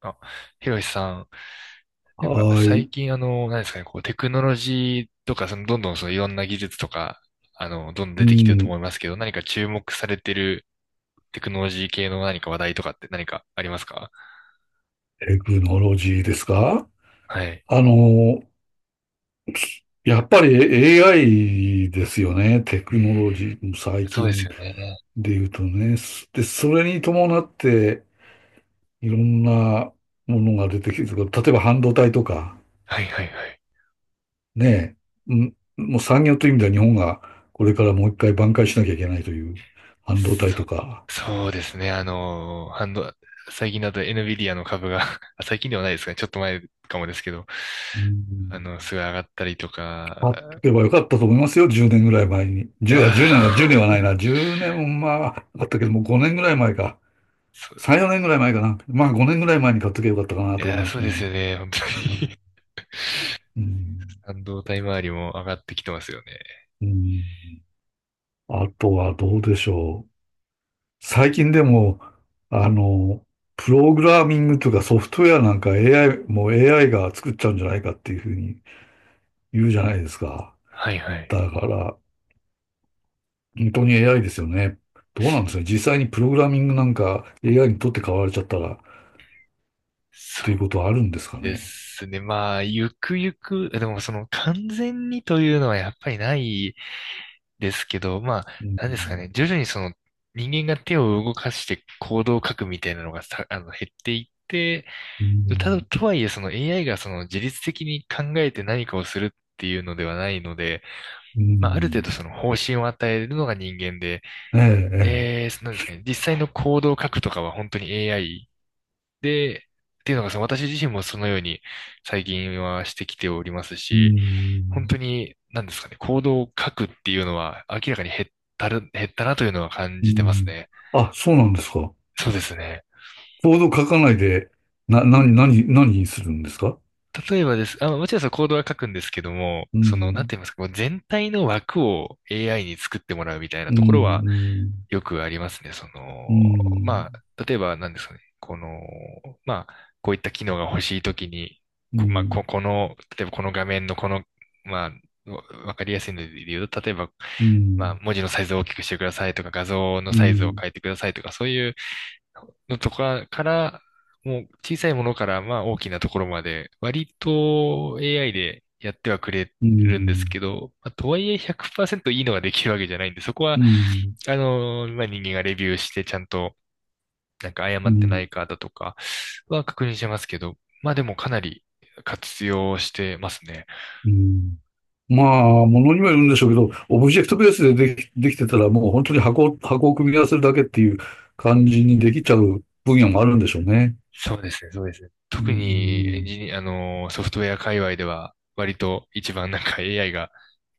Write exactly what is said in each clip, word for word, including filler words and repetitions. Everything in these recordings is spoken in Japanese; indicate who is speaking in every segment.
Speaker 1: あ、ひろしさん、なんか
Speaker 2: は
Speaker 1: 最
Speaker 2: い。
Speaker 1: 近あの、何ですかね、こうテクノロジーとか、そのどんどんそのいろんな技術とか、あの、どんどん
Speaker 2: う
Speaker 1: 出てきてると
Speaker 2: ん。
Speaker 1: 思いますけど、何か注目されてるテクノロジー系の何か話題とかって何かありますか？
Speaker 2: テクノロジーですか？
Speaker 1: はい。
Speaker 2: あの、やっぱり エーアイ ですよね。テ
Speaker 1: うー
Speaker 2: クノロ
Speaker 1: ん、
Speaker 2: ジー。最
Speaker 1: そうです
Speaker 2: 近
Speaker 1: よね。
Speaker 2: で言うとね。すで、それに伴って、いろんなものが出てきてる。例えば半導体とか、
Speaker 1: はいはいはい。
Speaker 2: ねえ。うんもう産業という意味では日本がこれからもう一回挽回しなきゃいけないという半導体と
Speaker 1: そ、
Speaker 2: か。
Speaker 1: そうですね。あの、ハンド、最近だと エヌビディア の株が あ、最近ではないですかね。ちょっと前かもですけど、
Speaker 2: う
Speaker 1: あの、す
Speaker 2: ん。
Speaker 1: ごい上がったりと
Speaker 2: 買っ
Speaker 1: か、
Speaker 2: とけばよかったと思いますよ、じゅうねんぐらい前に。
Speaker 1: い
Speaker 2: じゅうは、1
Speaker 1: や
Speaker 2: 年は、じゅうねんは
Speaker 1: ー
Speaker 2: ない な。じゅうねんは、あったけども、ごねんぐらい前か。
Speaker 1: そう
Speaker 2: さん、よねんぐらい前かな。まあ、ごねんぐらい前に買っとけばよかったかな
Speaker 1: い
Speaker 2: と思い
Speaker 1: やー、
Speaker 2: ま
Speaker 1: そ
Speaker 2: す
Speaker 1: うですよ
Speaker 2: ね。
Speaker 1: ね。本当
Speaker 2: う
Speaker 1: に
Speaker 2: ん。
Speaker 1: 半導体周りも上がってきてますよね。
Speaker 2: うん。あとはどうでしょう。最近でも、あの、プログラミングとかソフトウェアなんか エーアイ、もう エーアイ が作っちゃうんじゃないかっていうふうに言うじゃないですか。
Speaker 1: はいはい。
Speaker 2: だから、本当に エーアイ ですよね。どうなんですかね。実際にプログラミングなんか エーアイ にとって変わられちゃったら
Speaker 1: そ
Speaker 2: という
Speaker 1: う
Speaker 2: ことはあるんですか
Speaker 1: で
Speaker 2: ね。
Speaker 1: すね。まあ、ゆくゆく、でもその完全にというのはやっぱりないですけど、まあ、
Speaker 2: うん。
Speaker 1: なんですかね。徐々にその人間が手を動かして行動を書くみたいなのがさ、あの、減っていって、
Speaker 2: う
Speaker 1: ただ、
Speaker 2: ん。
Speaker 1: とはいえその エーアイ がその自律的に考えて何かをするっていうのではないので、
Speaker 2: う
Speaker 1: まあ、ある程
Speaker 2: ん。
Speaker 1: 度その方針を与えるのが人間で、
Speaker 2: ええ、ええ。
Speaker 1: で、そなんですかね、実際のコードを書くとかは本当に エーアイ で、っていうのがその私自身もそのように最近はしてきております
Speaker 2: う
Speaker 1: し、本当
Speaker 2: ん。
Speaker 1: に何ですかね、コードを書くっていうのは明らかに減ったる、減ったなというのは感
Speaker 2: う
Speaker 1: じてます
Speaker 2: ん。
Speaker 1: ね。
Speaker 2: あ、そうなんですか。
Speaker 1: そうですね。
Speaker 2: コード書かないで、な、な、何、何にするんですか？
Speaker 1: 例えばです。あ、もちろんそのコードは書くんですけども、
Speaker 2: う
Speaker 1: その、なんて
Speaker 2: ん。
Speaker 1: 言いますか、もう全体の枠を エーアイ に作ってもらうみたいな
Speaker 2: う
Speaker 1: ところは
Speaker 2: ん。
Speaker 1: よくありますね。そ
Speaker 2: う
Speaker 1: の、ま
Speaker 2: ん。
Speaker 1: あ、例えば何ですかね。この、まあ、こういった機能が欲しいときに、
Speaker 2: う
Speaker 1: こまあ、こ、
Speaker 2: ん。
Speaker 1: この、例えばこの画面のこの、まあ、わわかりやすいので言うと、例えば、
Speaker 2: う
Speaker 1: まあ、
Speaker 2: ん。
Speaker 1: 文字のサイズを大きくしてくださいとか、画像の
Speaker 2: うん。
Speaker 1: サイズを
Speaker 2: うん。
Speaker 1: 変えてくださいとか、そういうのとかから、もう小さいものからまあ大きなところまで、割と エーアイ でやってはくれ
Speaker 2: う
Speaker 1: るんです
Speaker 2: ん。
Speaker 1: けど、まあ、とはいえひゃくパーセントいいのができるわけじゃないんで、そこは、
Speaker 2: うん。
Speaker 1: あの、まあ、人間がレビューしてちゃんと、なんか
Speaker 2: う
Speaker 1: 誤ってな
Speaker 2: ん。
Speaker 1: いかだとかは確認してますけど、まあでもかなり活用してますね。
Speaker 2: うん。まあ、ものにもよるんでしょうけど、オブジェクトベースででき、できてたらもう本当に箱を、箱を組み合わせるだけっていう感じにできちゃう分野もあるんでしょうね。
Speaker 1: そうですね、そうですね。
Speaker 2: う
Speaker 1: 特にエン
Speaker 2: ん、
Speaker 1: ジニア、あのー、ソフトウェア界隈では、割と一番なんか エーアイ が、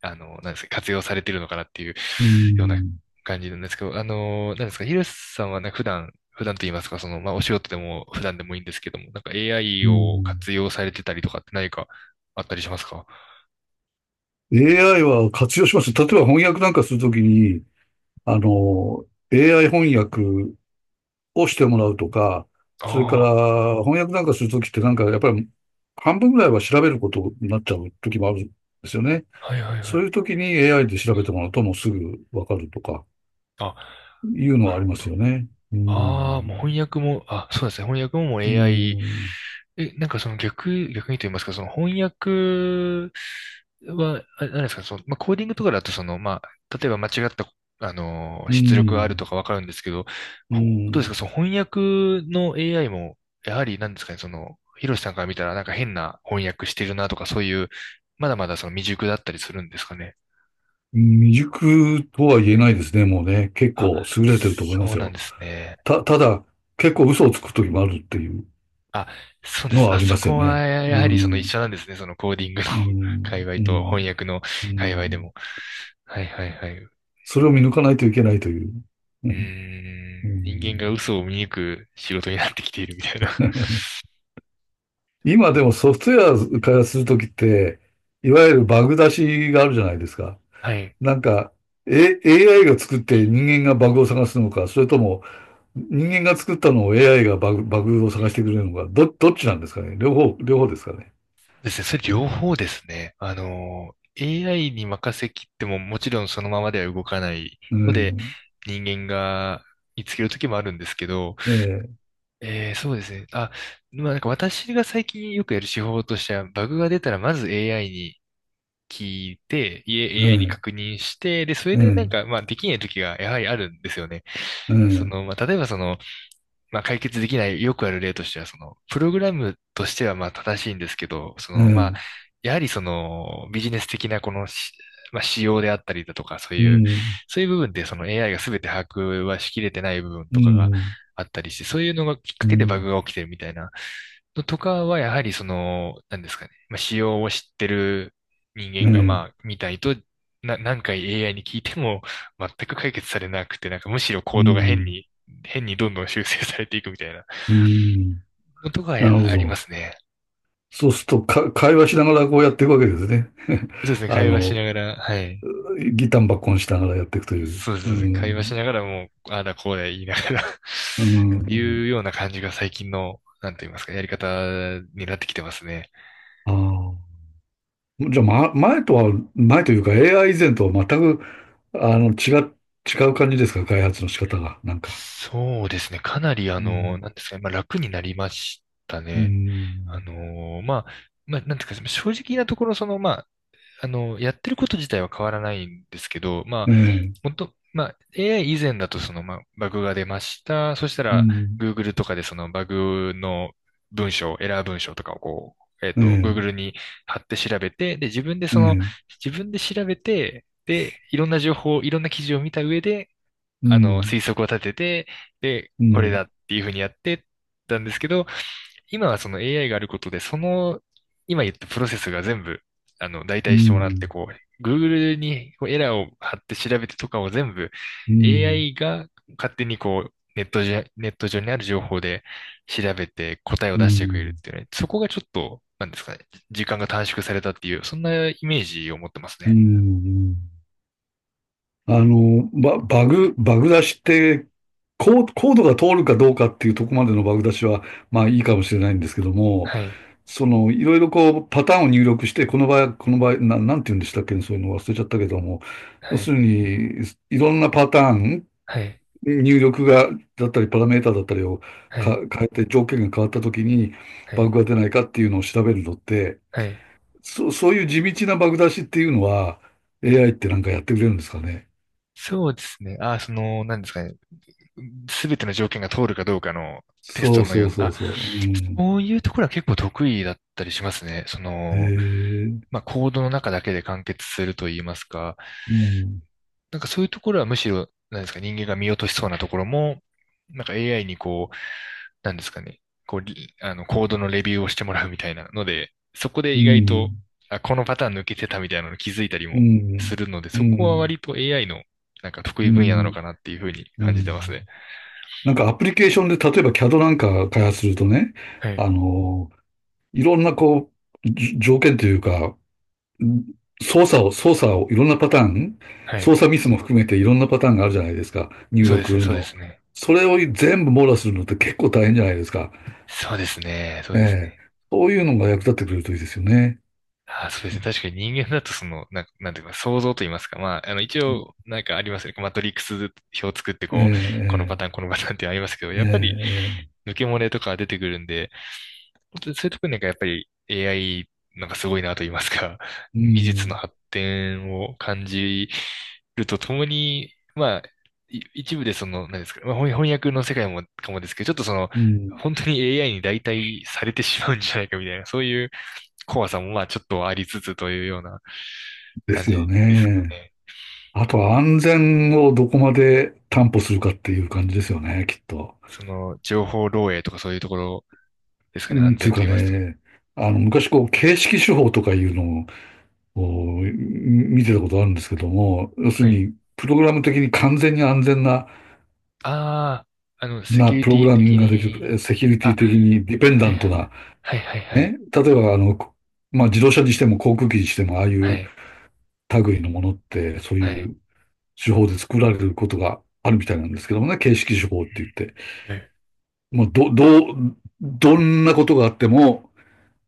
Speaker 1: あのー、なんですか、活用されてるのかなっていう
Speaker 2: う
Speaker 1: ような
Speaker 2: ん、
Speaker 1: 感じなんですけど、あのー、なんですか、ヒルさんはなんか普段、普段と言いますか、その、まあ、お仕事でも普段でもいいんですけども、なんか エーアイ
Speaker 2: うー
Speaker 1: を
Speaker 2: ん。
Speaker 1: 活用されてたりとかって何かあったりしますか？
Speaker 2: エーアイ は活用します。例えば翻訳なんかするときに、あの、エーアイ 翻訳をしてもらうとか、それか
Speaker 1: あ
Speaker 2: ら翻訳なんかするときってなんかやっぱり半分ぐらいは調べることになっちゃうときもあるんですよね。
Speaker 1: あー、はいはいは
Speaker 2: そう
Speaker 1: い。
Speaker 2: いうときに エーアイ で調べてもらうともうすぐわかるとか。
Speaker 1: あ、
Speaker 2: いうの
Speaker 1: な
Speaker 2: はあ
Speaker 1: る
Speaker 2: り
Speaker 1: ほ
Speaker 2: ます
Speaker 1: ど。
Speaker 2: よね。う
Speaker 1: ああ、もう翻
Speaker 2: ん。
Speaker 1: 訳も、あ、そうですね。翻訳ももう
Speaker 2: う
Speaker 1: エーアイ。
Speaker 2: ん。
Speaker 1: え、なんかその逆、逆にと言いますか、その翻訳は、あれなんですか、その、まあ、コーディングとかだと、その、まあ、例えば間違った、あの
Speaker 2: う
Speaker 1: 出力がある
Speaker 2: ん。
Speaker 1: とかわかるんですけど、
Speaker 2: う
Speaker 1: ほどうですか、
Speaker 2: ん。
Speaker 1: その翻訳の エーアイ も、やはりなんですかね、その、ヒロシさんから見たらなんか変な翻訳してるなとか、そういう、まだまだその未熟だったりするんですかね。
Speaker 2: 未熟とは言えないですね、もうね。結
Speaker 1: あ、
Speaker 2: 構優れてると思いま
Speaker 1: そう
Speaker 2: す
Speaker 1: なん
Speaker 2: よ。
Speaker 1: ですね。
Speaker 2: た、ただ、結構嘘をつく時もあるっていう
Speaker 1: あ、そうで
Speaker 2: の
Speaker 1: す。
Speaker 2: はあ
Speaker 1: あ、
Speaker 2: りま
Speaker 1: そ
Speaker 2: すよ
Speaker 1: こは
Speaker 2: ね。う
Speaker 1: やはりその一
Speaker 2: ん。
Speaker 1: 緒なんですね、そのコーディングの
Speaker 2: う
Speaker 1: 界
Speaker 2: ん。
Speaker 1: 隈
Speaker 2: う
Speaker 1: と
Speaker 2: ん。
Speaker 1: 翻訳の
Speaker 2: う
Speaker 1: 界隈で
Speaker 2: ん。
Speaker 1: も。はいはいはい。う
Speaker 2: それを見抜かないといけないという。う
Speaker 1: ー
Speaker 2: ん。う
Speaker 1: ん、人間が
Speaker 2: ん。
Speaker 1: 嘘を見抜く仕事になってきているみたいな。
Speaker 2: 今でも ソフトウェア開発するときって、いわゆるバグ出しがあるじゃないですか。
Speaker 1: はい。
Speaker 2: なんか、A、エーアイ が作って人間がバグを探すのか、それとも人間が作ったのを エーアイ がバグ、バグを探してくれるのか、ど、どっちなんですかね。両方、両方ですかね。
Speaker 1: そうですね。それ両方ですね。あの、エーアイ に任せきってももちろんそのままでは動かない
Speaker 2: う
Speaker 1: ので、
Speaker 2: ん。
Speaker 1: 人間が見つける時もあるんですけど、
Speaker 2: ええ、
Speaker 1: えー、そうですね。あ、まあなんか私が最近よくやる手法としては、バグが出たらまず エーアイ に聞いて、い
Speaker 2: え
Speaker 1: エーアイ に
Speaker 2: え、
Speaker 1: 確認して、で、それ
Speaker 2: え
Speaker 1: でなん
Speaker 2: え、
Speaker 1: か、まあ、できない時がやはりあるんですよね。
Speaker 2: え
Speaker 1: そ
Speaker 2: え、
Speaker 1: の、まあ、例えばその、まあ、解決できない、よくある例としては、その、プログラムとしてはまあ正しいんですけど、そ
Speaker 2: ええ、う
Speaker 1: の、まあ、
Speaker 2: ん、
Speaker 1: やはりその、ビジネス的なこのし、まあ、仕様であったりだとか、そう
Speaker 2: う
Speaker 1: いう、
Speaker 2: ん、
Speaker 1: そういう部分でその エーアイ が全て把握はしきれてない部分
Speaker 2: う
Speaker 1: とかが
Speaker 2: ん、
Speaker 1: あったりして、そういうのがきっかけでバグが起きてるみたいなのとかは、やはりその、なんですかね、まあ、仕様を知ってる人
Speaker 2: え
Speaker 1: 間が、
Speaker 2: え、
Speaker 1: まあ、みたいと、な、何回 エーアイ に聞いても全く解決されなくて、なんかむしろ
Speaker 2: う
Speaker 1: コードが変
Speaker 2: ん、
Speaker 1: に変にどんどん修正されていくみたいな
Speaker 2: うん。
Speaker 1: のとか
Speaker 2: なるほ
Speaker 1: ありま
Speaker 2: ど。
Speaker 1: すね。
Speaker 2: そうすると、か、会話しながらこうやっていくわけですね。
Speaker 1: そうです ね、
Speaker 2: あ
Speaker 1: 会話し
Speaker 2: の、
Speaker 1: ながら、はい。
Speaker 2: ギタンバッコンしながらやっていくという。
Speaker 1: そうで
Speaker 2: う
Speaker 1: すね、会話し
Speaker 2: ん、
Speaker 1: ながらもう、ああだこうだ言いながら っ
Speaker 2: う
Speaker 1: ていう
Speaker 2: ん、
Speaker 1: ような感じが最近の、なんと言いますか、やり方になってきてますね。
Speaker 2: ああ。じゃあ、ま、前とは、前というか エーアイ 以前とは全く、あの、違う、違う感じですか、開発の仕方が、なんか。
Speaker 1: そうですね、かなりあ
Speaker 2: う
Speaker 1: の、
Speaker 2: ん。
Speaker 1: なんですかね、まあ楽になりました
Speaker 2: う
Speaker 1: ね。あ
Speaker 2: ん。
Speaker 1: のまあ、まあ、なんていうか、正直なところ、その、まあの、やってること自体は変わらないんですけど、ま
Speaker 2: え
Speaker 1: あ、
Speaker 2: え、
Speaker 1: もっと、まあ、エーアイ 以前だとその、まあ、バグが出ました。そした
Speaker 2: う
Speaker 1: ら、
Speaker 2: ん。
Speaker 1: Google とかでそのバグの文章、エラー文章とかをこう、えっ
Speaker 2: え
Speaker 1: と、Google
Speaker 2: え、
Speaker 1: に貼って調べて、で、自分で
Speaker 2: え
Speaker 1: その、
Speaker 2: え、
Speaker 1: 自分で調べて、で、いろんな情報、いろんな記事を見た上で、
Speaker 2: う
Speaker 1: あ
Speaker 2: ん。
Speaker 1: の、
Speaker 2: う
Speaker 1: 推
Speaker 2: ん。
Speaker 1: 測を立てて、で、これだっていうふうにやってたんですけど、今はその エーアイ があることで、その、今言ったプロセスが全部、あの、代
Speaker 2: う
Speaker 1: 替して
Speaker 2: ん。う
Speaker 1: もらって、
Speaker 2: ん。
Speaker 1: こう、Google にこうエラーを貼って調べてとかを全部
Speaker 2: うん。
Speaker 1: エーアイ が勝手にこう、ネットじゃ、ネット上にある情報で調べて答えを出してくれるっていうね、そこがちょっと、なんですかね、時間が短縮されたっていう、そんなイメージを持ってます
Speaker 2: うん。
Speaker 1: ね。
Speaker 2: うん。あの、バ、バグ、バグ出しって、コー、コードが通るかどうかっていうとこまでのバグ出しは、まあいいかもしれないんですけども、
Speaker 1: はい。
Speaker 2: その、いろいろこう、パターンを入力して、この場合、この場合、な、なんて言うんでしたっけね、そういうの忘れちゃったけども、要
Speaker 1: は
Speaker 2: す
Speaker 1: い。
Speaker 2: るに、いろんなパターン、
Speaker 1: はい。
Speaker 2: 入力が、だったり、パラメータだったりを
Speaker 1: は
Speaker 2: か
Speaker 1: い。
Speaker 2: 変えて、条件が変わったときに、
Speaker 1: は
Speaker 2: バ
Speaker 1: い。
Speaker 2: グが出ないかっていうのを調べるのって、
Speaker 1: はい。
Speaker 2: そ、そういう地道なバグ出しっていうのは、エーアイ ってなんかやってくれるんですかね。
Speaker 1: そうですね。あ、その、なんですかね。すべての条件が通るかどうかのテスト
Speaker 2: そう
Speaker 1: のよ
Speaker 2: そ
Speaker 1: う
Speaker 2: う
Speaker 1: な、
Speaker 2: そう
Speaker 1: あ、
Speaker 2: そう。うん。
Speaker 1: そういうところは結構得意だったりしますね。そ
Speaker 2: へ
Speaker 1: の、
Speaker 2: え、
Speaker 1: まあ、コードの中だけで完結すると言いますか、
Speaker 2: うん、
Speaker 1: なんかそういうところはむしろ、なんですか、人間が見落としそうなところも、なんか エーアイ にこう、なんですかね、こう、リあの、コードのレビューをしてもらうみたいなので、そこで
Speaker 2: う
Speaker 1: 意外と、
Speaker 2: ん、
Speaker 1: あ、このパターン抜けてたみたいなの気づいたり
Speaker 2: う
Speaker 1: もす
Speaker 2: ん、
Speaker 1: るので、
Speaker 2: う
Speaker 1: そこは
Speaker 2: ん、
Speaker 1: 割と エーアイ のなんか得
Speaker 2: う
Speaker 1: 意分野なの
Speaker 2: ん、
Speaker 1: かなっていうふうに
Speaker 2: う
Speaker 1: 感じてますね。
Speaker 2: ん。なんかアプリケーションで、例えば キャド なんか開発するとね、
Speaker 1: は
Speaker 2: あ
Speaker 1: い。
Speaker 2: の、いろんなこう、じ条件というか、ん操作を、操作をいろんなパターン、
Speaker 1: は
Speaker 2: 操
Speaker 1: い。
Speaker 2: 作ミスも含めていろんなパターンがあるじゃないですか、入
Speaker 1: そうです
Speaker 2: 力
Speaker 1: ね、そうで
Speaker 2: の。
Speaker 1: すね。
Speaker 2: それを全部網羅するのって結構大変じゃないですか。
Speaker 1: そうですね、そう
Speaker 2: え
Speaker 1: です
Speaker 2: え。
Speaker 1: ね。
Speaker 2: そういうのが役立ってくれるといいですよね。
Speaker 1: あーそうですね。確かに人間だとその、なんか、なんていうか、想像と言いますか。まあ、あの、一応、なんかありますよね。マトリックス表を作って
Speaker 2: ええ、
Speaker 1: こう、このパ
Speaker 2: え
Speaker 1: ターン、
Speaker 2: え。
Speaker 1: このパターンってありますけど、
Speaker 2: え
Speaker 1: やっぱり、
Speaker 2: え、ええ、
Speaker 1: 抜け漏れとか出てくるんで、そういうところになんかやっぱり エーアイ なんかすごいなと言いますか、
Speaker 2: う
Speaker 1: 技術の
Speaker 2: ん、
Speaker 1: 発展を感じるとともに、まあ、い一部でその、何ですか、まあ、翻翻訳の世界もかもですけど、ちょっとその、
Speaker 2: うん、
Speaker 1: 本当に エーアイ に代替されてしまうんじゃないかみたいな、そういう怖さもまあちょっとありつつというような
Speaker 2: で
Speaker 1: 感
Speaker 2: すよ
Speaker 1: じですか
Speaker 2: ね。
Speaker 1: ね。
Speaker 2: あとは安全をどこまで担保するかっていう感じですよね、きっと。
Speaker 1: その、情報漏洩とかそういうところですか
Speaker 2: う
Speaker 1: ね、安
Speaker 2: ん、とい
Speaker 1: 全
Speaker 2: う
Speaker 1: と
Speaker 2: か
Speaker 1: 言いますと。
Speaker 2: ね、あの、昔こう、形式手法とかいうのをこう見てたことあるんですけども、要す
Speaker 1: は
Speaker 2: る
Speaker 1: い。
Speaker 2: に、プログラム的に完全に安全な、
Speaker 1: ああ、あの、セキ
Speaker 2: な、
Speaker 1: ュリ
Speaker 2: プ
Speaker 1: テ
Speaker 2: ログ
Speaker 1: ィ
Speaker 2: ラミ
Speaker 1: 的
Speaker 2: ングができ
Speaker 1: に、
Speaker 2: る、セキュリテ
Speaker 1: あ、
Speaker 2: ィ的にディペン
Speaker 1: は
Speaker 2: ダ
Speaker 1: い
Speaker 2: ントな、
Speaker 1: はいはいはい。
Speaker 2: ね、例えばあの、まあ、自動車にしても航空機にしても、ああい
Speaker 1: は
Speaker 2: う
Speaker 1: い。
Speaker 2: 類のものって、そう
Speaker 1: は
Speaker 2: い
Speaker 1: い。
Speaker 2: う手法で作られることがあるみたいなんですけどもね、形式手法って言って、
Speaker 1: はい。
Speaker 2: もうど、どう、どんなことがあっても、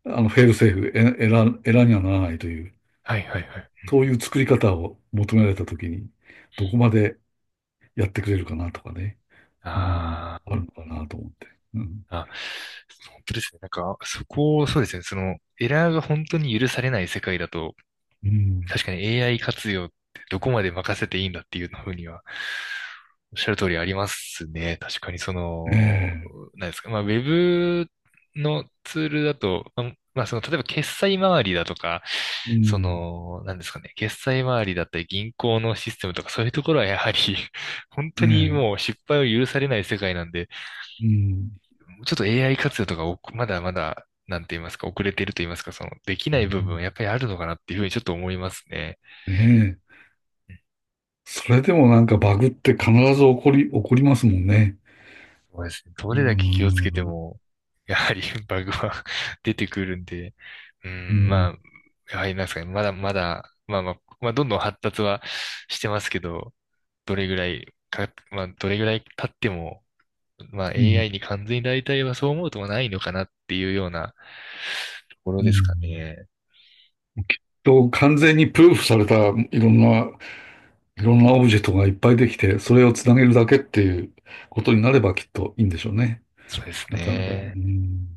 Speaker 2: あの、フェールセーフ、エラ、エラにはならないという、
Speaker 1: はいはいはい。
Speaker 2: そういう作り方を求められたときに、どこまでやってくれるかなとかね、うん、
Speaker 1: あ
Speaker 2: あるのかなと思って。うん、
Speaker 1: ーあ。本当ですね。なんか、そこを、そうですね。その、エラーが本当に許されない世界だと、
Speaker 2: うん、
Speaker 1: 確かに エーアイ 活用ってどこまで任せていいんだっていうふうには、おっしゃる通りありますね。確かにその、
Speaker 2: ね
Speaker 1: 何ですか。まあ、ウェブのツールだと、まあ、まあその、例えば決済周りだとか、
Speaker 2: え、う
Speaker 1: そ
Speaker 2: ん、
Speaker 1: の、何ですかね。決済周りだったり銀行のシステムとかそういうところはやはり 本当に
Speaker 2: ね
Speaker 1: もう失敗を許されない世界なんで、
Speaker 2: え、うん、
Speaker 1: ちょっと エーアイ 活用とかおまだまだ、なんて言いますか、遅れていると言いますか、その、でき
Speaker 2: う
Speaker 1: ない部分は
Speaker 2: ん、
Speaker 1: やっぱりあるのかなっていうふうにちょっと思いますね。
Speaker 2: ねえ。それでもなんかバグって必ず起こり、起こりますもんね。
Speaker 1: そうですね。ど
Speaker 2: う
Speaker 1: れだけ気をつけて
Speaker 2: ん、
Speaker 1: も、やはり バグは 出てくるんで、う
Speaker 2: う
Speaker 1: ん、ま
Speaker 2: ん、
Speaker 1: あ、やはりなんですかね、まだまだ、まあまあ、まあ、どんどん発達はしてますけど、どれぐらいか、まあ、どれぐらい経っても、まあ、
Speaker 2: うん。
Speaker 1: エーアイ に完全に代替はそう思うとはないのかなっていうようなところ
Speaker 2: う
Speaker 1: ですか
Speaker 2: ん
Speaker 1: ね。
Speaker 2: と、完全にプルーフされたいろんな、いろんなオブジェクトがいっぱいできて、それをつなげるだけっていうことになればきっといいんでしょうね。
Speaker 1: そうです
Speaker 2: なかなか。う
Speaker 1: ね。
Speaker 2: ん